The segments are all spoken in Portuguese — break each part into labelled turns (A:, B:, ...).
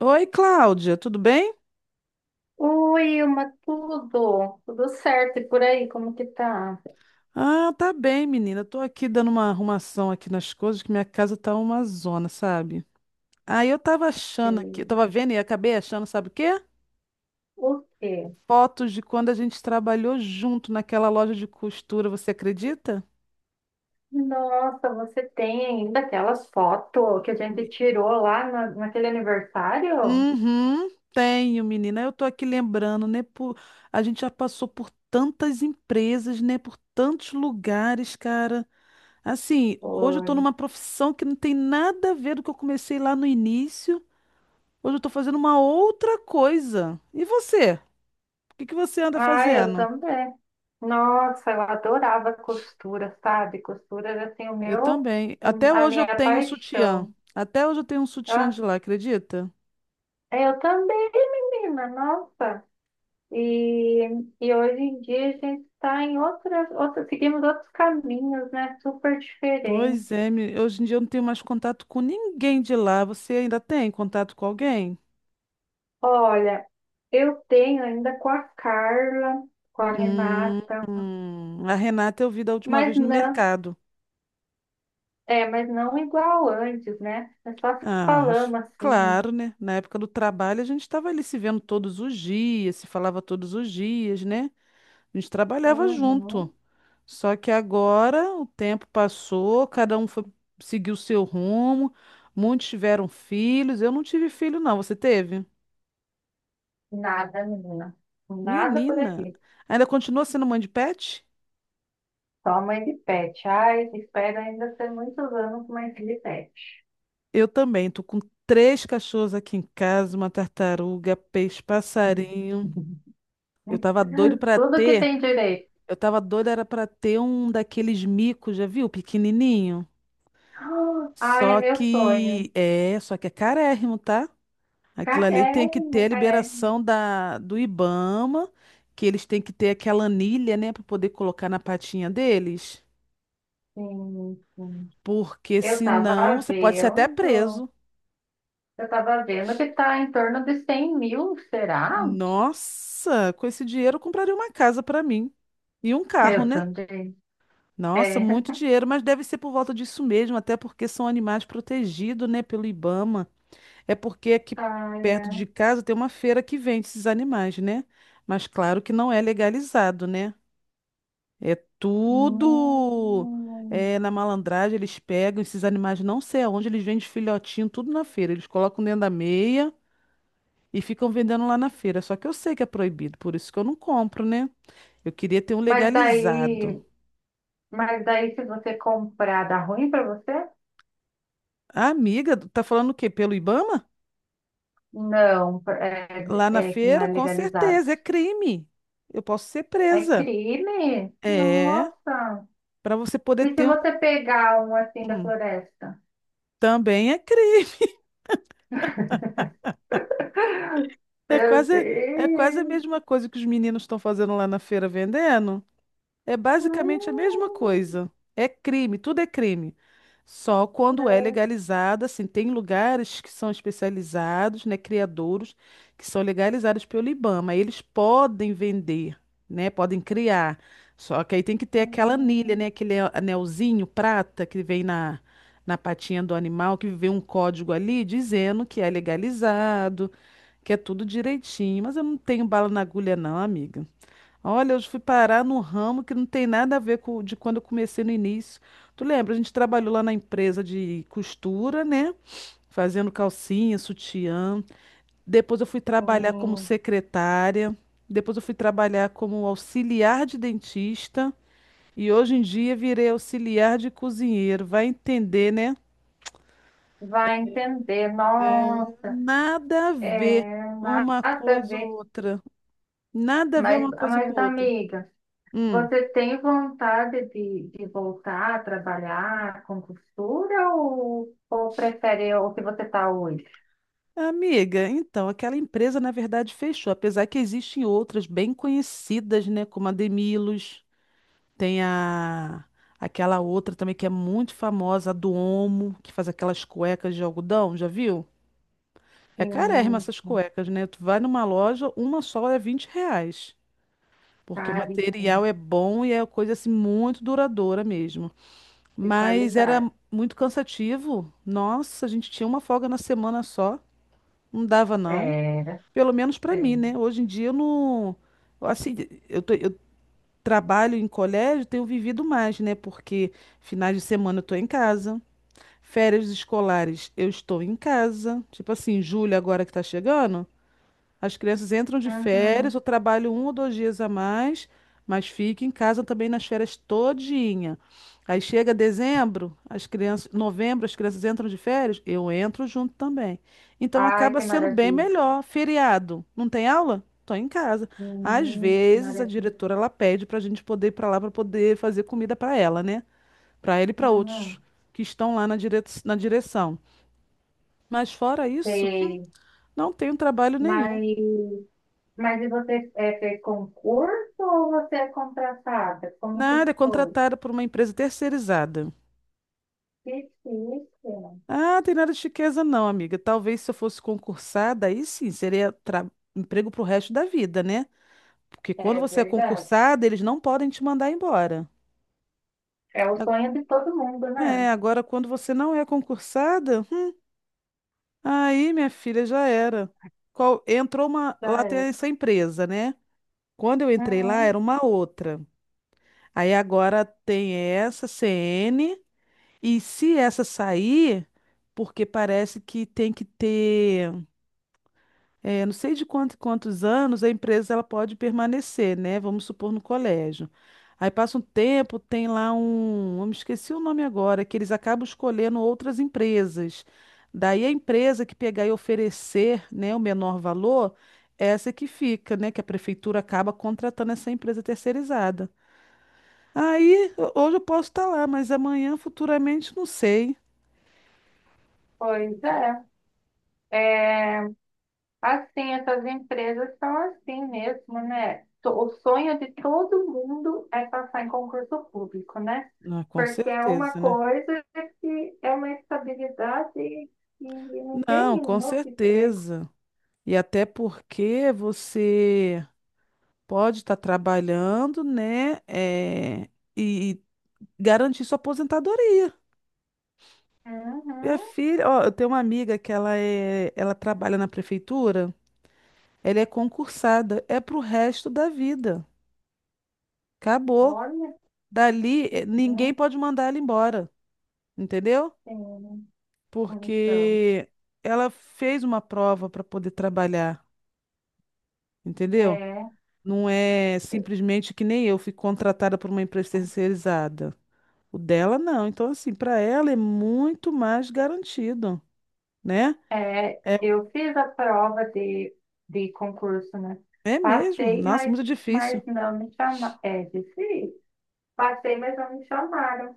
A: Oi, Cláudia, tudo bem?
B: Oi, Ilma, tudo? Tudo certo? E por aí, como que tá?
A: Ah, tá bem, menina. Tô aqui dando uma arrumação aqui nas coisas, que minha casa tá uma zona, sabe? Aí eu tava achando aqui, eu
B: Eh,
A: tava vendo e acabei achando, sabe o quê?
B: O quê?
A: Fotos de quando a gente trabalhou junto naquela loja de costura, você acredita?
B: Nossa, você tem ainda aquelas fotos que a gente
A: Me-
B: tirou lá naquele aniversário?
A: Uhum, tenho, menina. Eu tô aqui lembrando, né? A gente já passou por tantas empresas, né? Por tantos lugares, cara. Assim, hoje eu estou
B: Foi.
A: numa profissão que não tem nada a ver do que eu comecei lá no início. Hoje eu estou fazendo uma outra coisa. E você? O que que você anda
B: Ah, eu
A: fazendo?
B: também. Nossa, eu adorava costura, sabe? Costura era assim
A: Eu também. Até
B: a
A: hoje eu
B: minha
A: tenho um sutiã.
B: paixão.
A: Até hoje eu tenho um sutiã
B: Ah,
A: de lá, acredita?
B: eu também, menina, nossa. E, e hoje em dia a gente está em outras, seguimos outros caminhos, né? Super diferentes.
A: Pois é, hoje em dia eu não tenho mais contato com ninguém de lá. Você ainda tem contato com alguém?
B: Olha, eu tenho ainda com a Carla, com a
A: Hum,
B: Renata,
A: a Renata eu vi da última
B: mas
A: vez no
B: não,
A: mercado.
B: mas não igual antes, né? É só falando assim,
A: Claro, né? Na época do trabalho a gente estava ali se vendo todos os dias, se falava todos os dias, né? A gente trabalhava junto.
B: uhum,
A: Só que agora o tempo passou, cada um foi seguiu o seu rumo, muitos tiveram filhos. Eu não tive filho, não. Você teve?
B: nada, menina, nada por
A: Menina,
B: aqui.
A: ainda continua sendo mãe de pet?
B: Só mãe de pet. Ai, espero ainda ter muitos anos com mãe de pet.
A: Eu também. Tô com três cachorros aqui em casa, uma tartaruga, peixe, passarinho. Eu tava doido para
B: Tudo que
A: ter.
B: tem direito.
A: Eu tava doida, era pra ter um daqueles micos, já viu? Pequenininho.
B: Ah, é
A: Só
B: meu sonho.
A: que é, só que é carérrimo, tá? Aquilo ali tem que
B: Carérrimo,
A: ter a
B: carérrimo.
A: liberação do IBAMA, que eles têm que ter aquela anilha, né, pra poder colocar na patinha deles.
B: Sim, sim.
A: Porque
B: Eu tava
A: senão você pode ser até
B: vendo,
A: preso.
B: eu tava vendo que tá em torno de 100.000, será?
A: Nossa, com esse dinheiro eu compraria uma casa pra mim e um carro,
B: Eu
A: né?
B: também.
A: Nossa,
B: É.
A: muito dinheiro, mas deve ser por volta disso mesmo, até porque são animais protegidos, né, pelo IBAMA. É porque aqui
B: Ai,
A: perto de
B: é.
A: casa tem uma feira que vende esses animais, né? Mas claro que não é legalizado, né? É tudo
B: Hum.
A: na malandragem, eles pegam esses animais, não sei aonde, eles vendem filhotinho, tudo na feira. Eles colocam dentro da meia e ficam vendendo lá na feira. Só que eu sei que é proibido, por isso que eu não compro, né? Eu queria ter um
B: Mas
A: legalizado.
B: daí, mas daí se você comprar, dá ruim pra você?
A: A amiga, tá falando o quê? Pelo Ibama?
B: Não, é,
A: Lá na
B: é que não é
A: feira, com
B: legalizado.
A: certeza, é crime. Eu posso ser
B: É
A: presa.
B: crime?
A: É,
B: Nossa.
A: para você poder
B: E se
A: ter um.
B: você pegar um assim da
A: Hum,
B: floresta?
A: também é crime. É
B: Meu
A: quase, É quase a
B: Deus.
A: mesma coisa que os meninos estão fazendo lá na feira vendendo. É
B: Ai,
A: basicamente a mesma coisa. É crime, tudo é crime. Só quando é
B: credo.
A: legalizado, assim, tem lugares que são especializados, né, criadouros, que são legalizados pelo IBAMA. Eles podem vender, né, podem criar. Só que aí tem que ter aquela anilha,
B: Hum,
A: né, anelzinho prata que vem na patinha do animal, que vem um código ali dizendo que é legalizado, que é tudo direitinho. Mas eu não tenho bala na agulha, não, amiga. Olha, eu fui parar num ramo que não tem nada a ver com de quando eu comecei no início. Tu lembra? A gente trabalhou lá na empresa de costura, né? Fazendo calcinha, sutiã. Depois eu fui trabalhar como
B: sim.
A: secretária. Depois eu fui trabalhar como auxiliar de dentista. E hoje em dia virei auxiliar de cozinheiro. Vai entender, né?
B: Vai entender, nossa,
A: Nada a ver
B: é nada
A: uma
B: a
A: coisa ou
B: ver.
A: outra. Nada a ver
B: Mas,
A: uma coisa com
B: mas
A: outra.
B: amiga,
A: Hum.
B: você tem vontade de voltar a trabalhar com costura ou prefere o que você está hoje?
A: Amiga, então, aquela empresa na verdade fechou, apesar que existem outras bem conhecidas, né, como a Demilos, tem a aquela outra também que é muito famosa, a do Omo, que faz aquelas cuecas de algodão, já viu? É carérrima
B: Sim,
A: essas cuecas, né? Tu vai numa loja, uma só é 20 reais, porque o
B: sabe,
A: material
B: sim,
A: é bom e é coisa assim muito duradoura mesmo.
B: de
A: Mas era
B: qualidade.
A: muito cansativo, nossa, a gente tinha uma folga na semana só, não dava não.
B: Era,
A: Pelo menos para
B: é.
A: mim, né? Hoje em dia eu não. Assim, eu trabalho em colégio, tenho vivido mais, né? Porque finais de semana eu estou em casa, férias escolares eu estou em casa. Tipo assim, julho agora que tá chegando. As crianças entram de férias,
B: Uhum.
A: eu trabalho um ou dois dias a mais, mas fico em casa também nas férias todinha. Aí chega dezembro, as crianças, novembro, as crianças entram de férias, eu entro junto também. Então
B: Ai,
A: acaba
B: que
A: sendo bem
B: maravilha.
A: melhor. Feriado, não tem aula? Tô em casa. Às vezes a
B: Maravilha.
A: diretora ela pede para a gente poder ir para lá para poder fazer comida para ela, né? Para ela e para
B: Hum,
A: outros que estão lá na direção. Mas fora isso,
B: sei.
A: não tenho trabalho
B: Mas,
A: nenhum.
B: mas e você fez concurso ou você é contratada? Como que
A: Nada, é
B: foi?
A: contratada por uma empresa terceirizada.
B: Difícil.
A: Ah, tem nada de chiqueza não, amiga. Talvez se eu fosse concursada, aí sim, seria emprego pro resto da vida, né? Porque quando
B: É
A: você é
B: verdade.
A: concursada, eles não podem te mandar embora.
B: É o
A: A-
B: sonho de todo mundo, né?
A: É, agora quando você não é concursada, aí, minha filha, já era. Entrou uma,
B: Já
A: lá tem
B: é.
A: essa empresa, né? Quando eu entrei lá,
B: Uhum,
A: era uma outra. Aí agora tem essa CN. E se essa sair, porque parece que tem que ter, não sei de quantos anos a empresa ela pode permanecer, né? Vamos supor no colégio. Aí passa um tempo, tem lá um, eu me esqueci o nome agora, que eles acabam escolhendo outras empresas. Daí a empresa que pegar e oferecer, né, o menor valor, essa é que fica, né, que a prefeitura acaba contratando essa empresa terceirizada. Aí hoje eu posso estar lá, mas amanhã, futuramente, não sei.
B: pois é. É, assim, essas empresas são assim mesmo, né? O sonho de todo mundo é passar em concurso público, né?
A: Ah, com
B: Porque é uma
A: certeza, né?
B: coisa que é uma estabilidade e não
A: Não,
B: tem
A: com
B: em outro emprego.
A: certeza. E até porque você pode estar trabalhando, né? E garantir sua aposentadoria. Minha
B: Uhum.
A: filha, ó, eu tenho uma amiga que ela trabalha na prefeitura, ela é concursada, é pro resto da vida. Acabou.
B: Olha,
A: Dali,
B: que
A: ninguém
B: bom.
A: pode mandar ela embora, entendeu?
B: Sim. Então,
A: Porque ela fez uma prova para poder trabalhar, entendeu?
B: é,
A: Não é simplesmente que nem eu fui contratada por uma empresa terceirizada. O dela não. Então, assim, para ela é muito mais garantido, né? É,
B: eu fiz a prova de concurso, né?
A: é mesmo.
B: Passei,
A: Nossa,
B: mas,
A: muito difícil.
B: mas não me chamaram. É difícil. Passei, mas não me chamaram.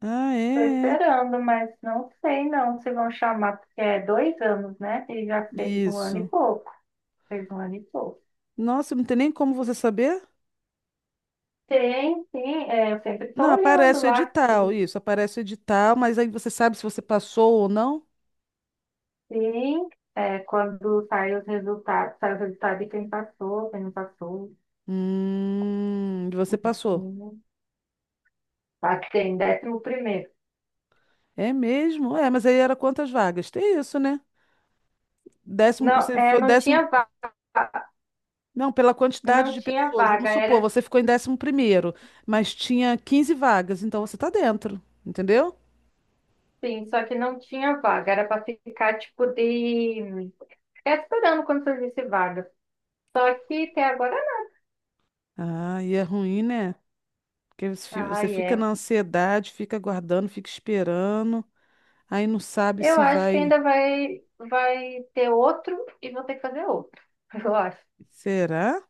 A: Ah,
B: Tô
A: é. É.
B: esperando, mas não sei não se vão chamar, porque é 2 anos, né? Ele já fez um ano e
A: Isso.
B: pouco. Fez um ano e pouco.
A: Nossa, não tem nem como você saber?
B: Tem, sim, eu sempre estou
A: Não,
B: olhando
A: aparece o
B: lá,
A: edital, isso, aparece o edital, mas aí você sabe se você passou ou não?
B: sim, quando saem os resultados, sai o resultado de quem passou, quem não passou.
A: Você passou.
B: Uhum. Passei em 11º.
A: É mesmo? É, mas aí era quantas vagas? Tem isso, né? Décimo,
B: Não,
A: você foi
B: não
A: décimo.
B: tinha vaga,
A: Não, pela quantidade de pessoas. Vamos supor,
B: era
A: você ficou em 11º, mas tinha 15 vagas, então você tá dentro, entendeu?
B: sim, só que não tinha vaga, era para ficar tipo de ficar esperando quando surgisse vaga. Só que até agora não.
A: Ah, e é ruim, né? Porque
B: Ah
A: você fica
B: é.
A: na ansiedade, fica aguardando, fica esperando, aí não sabe
B: Eu
A: se
B: acho que
A: vai.
B: ainda vai ter outro e vou ter que fazer outro. Eu acho.
A: Será?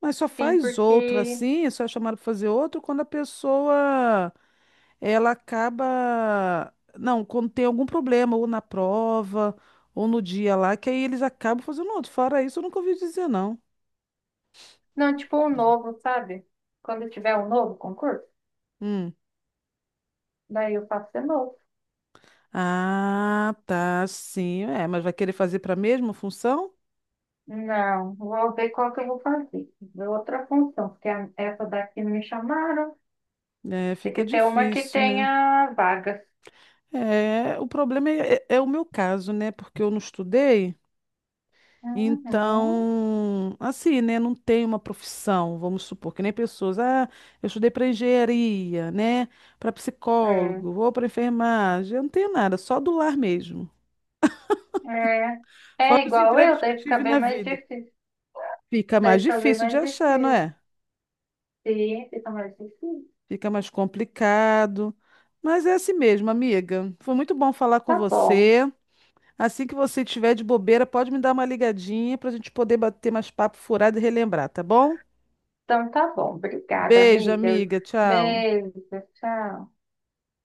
A: Mas só
B: Sim,
A: faz outro
B: porque.
A: assim, só é chamado para fazer outro quando a pessoa ela acaba. Não, quando tem algum problema, ou na prova, ou no dia lá, que aí eles acabam fazendo outro. Fora isso, eu nunca ouvi dizer, não.
B: Não, tipo um novo, sabe? Quando tiver um novo concurso,
A: Hum.
B: daí eu faço de novo.
A: Ah, tá, sim. É, mas vai querer fazer para a mesma função?
B: Não, vou ver qual que eu vou fazer. Ver outra função, porque essa daqui não me chamaram.
A: É,
B: Tem que
A: fica
B: ter uma que
A: difícil, né?
B: tenha vagas.
A: É, o problema é o meu caso, né? Porque eu não estudei,
B: Uhum.
A: então, assim, né? Não tenho uma profissão, vamos supor, que nem pessoas. Ah, eu estudei para engenharia, né? Para
B: É.
A: psicólogo, ou para enfermagem. Eu não tenho nada, só do lar mesmo.
B: É. É
A: Fora os
B: igual eu,
A: empregos que eu
B: deve ficar
A: tive na
B: bem mais
A: vida.
B: difícil.
A: Fica
B: Deve
A: mais
B: ficar bem
A: difícil de
B: mais
A: achar, não
B: difícil.
A: é?
B: Sim, fica mais difícil.
A: Fica mais complicado. Mas é assim mesmo, amiga. Foi muito bom falar com
B: Tá bom.
A: você. Assim que você estiver de bobeira, pode me dar uma ligadinha para a gente poder bater mais papo furado e relembrar, tá bom?
B: Então tá bom. Obrigada,
A: Beijo,
B: amiga.
A: amiga. Tchau.
B: Beijo. Tchau.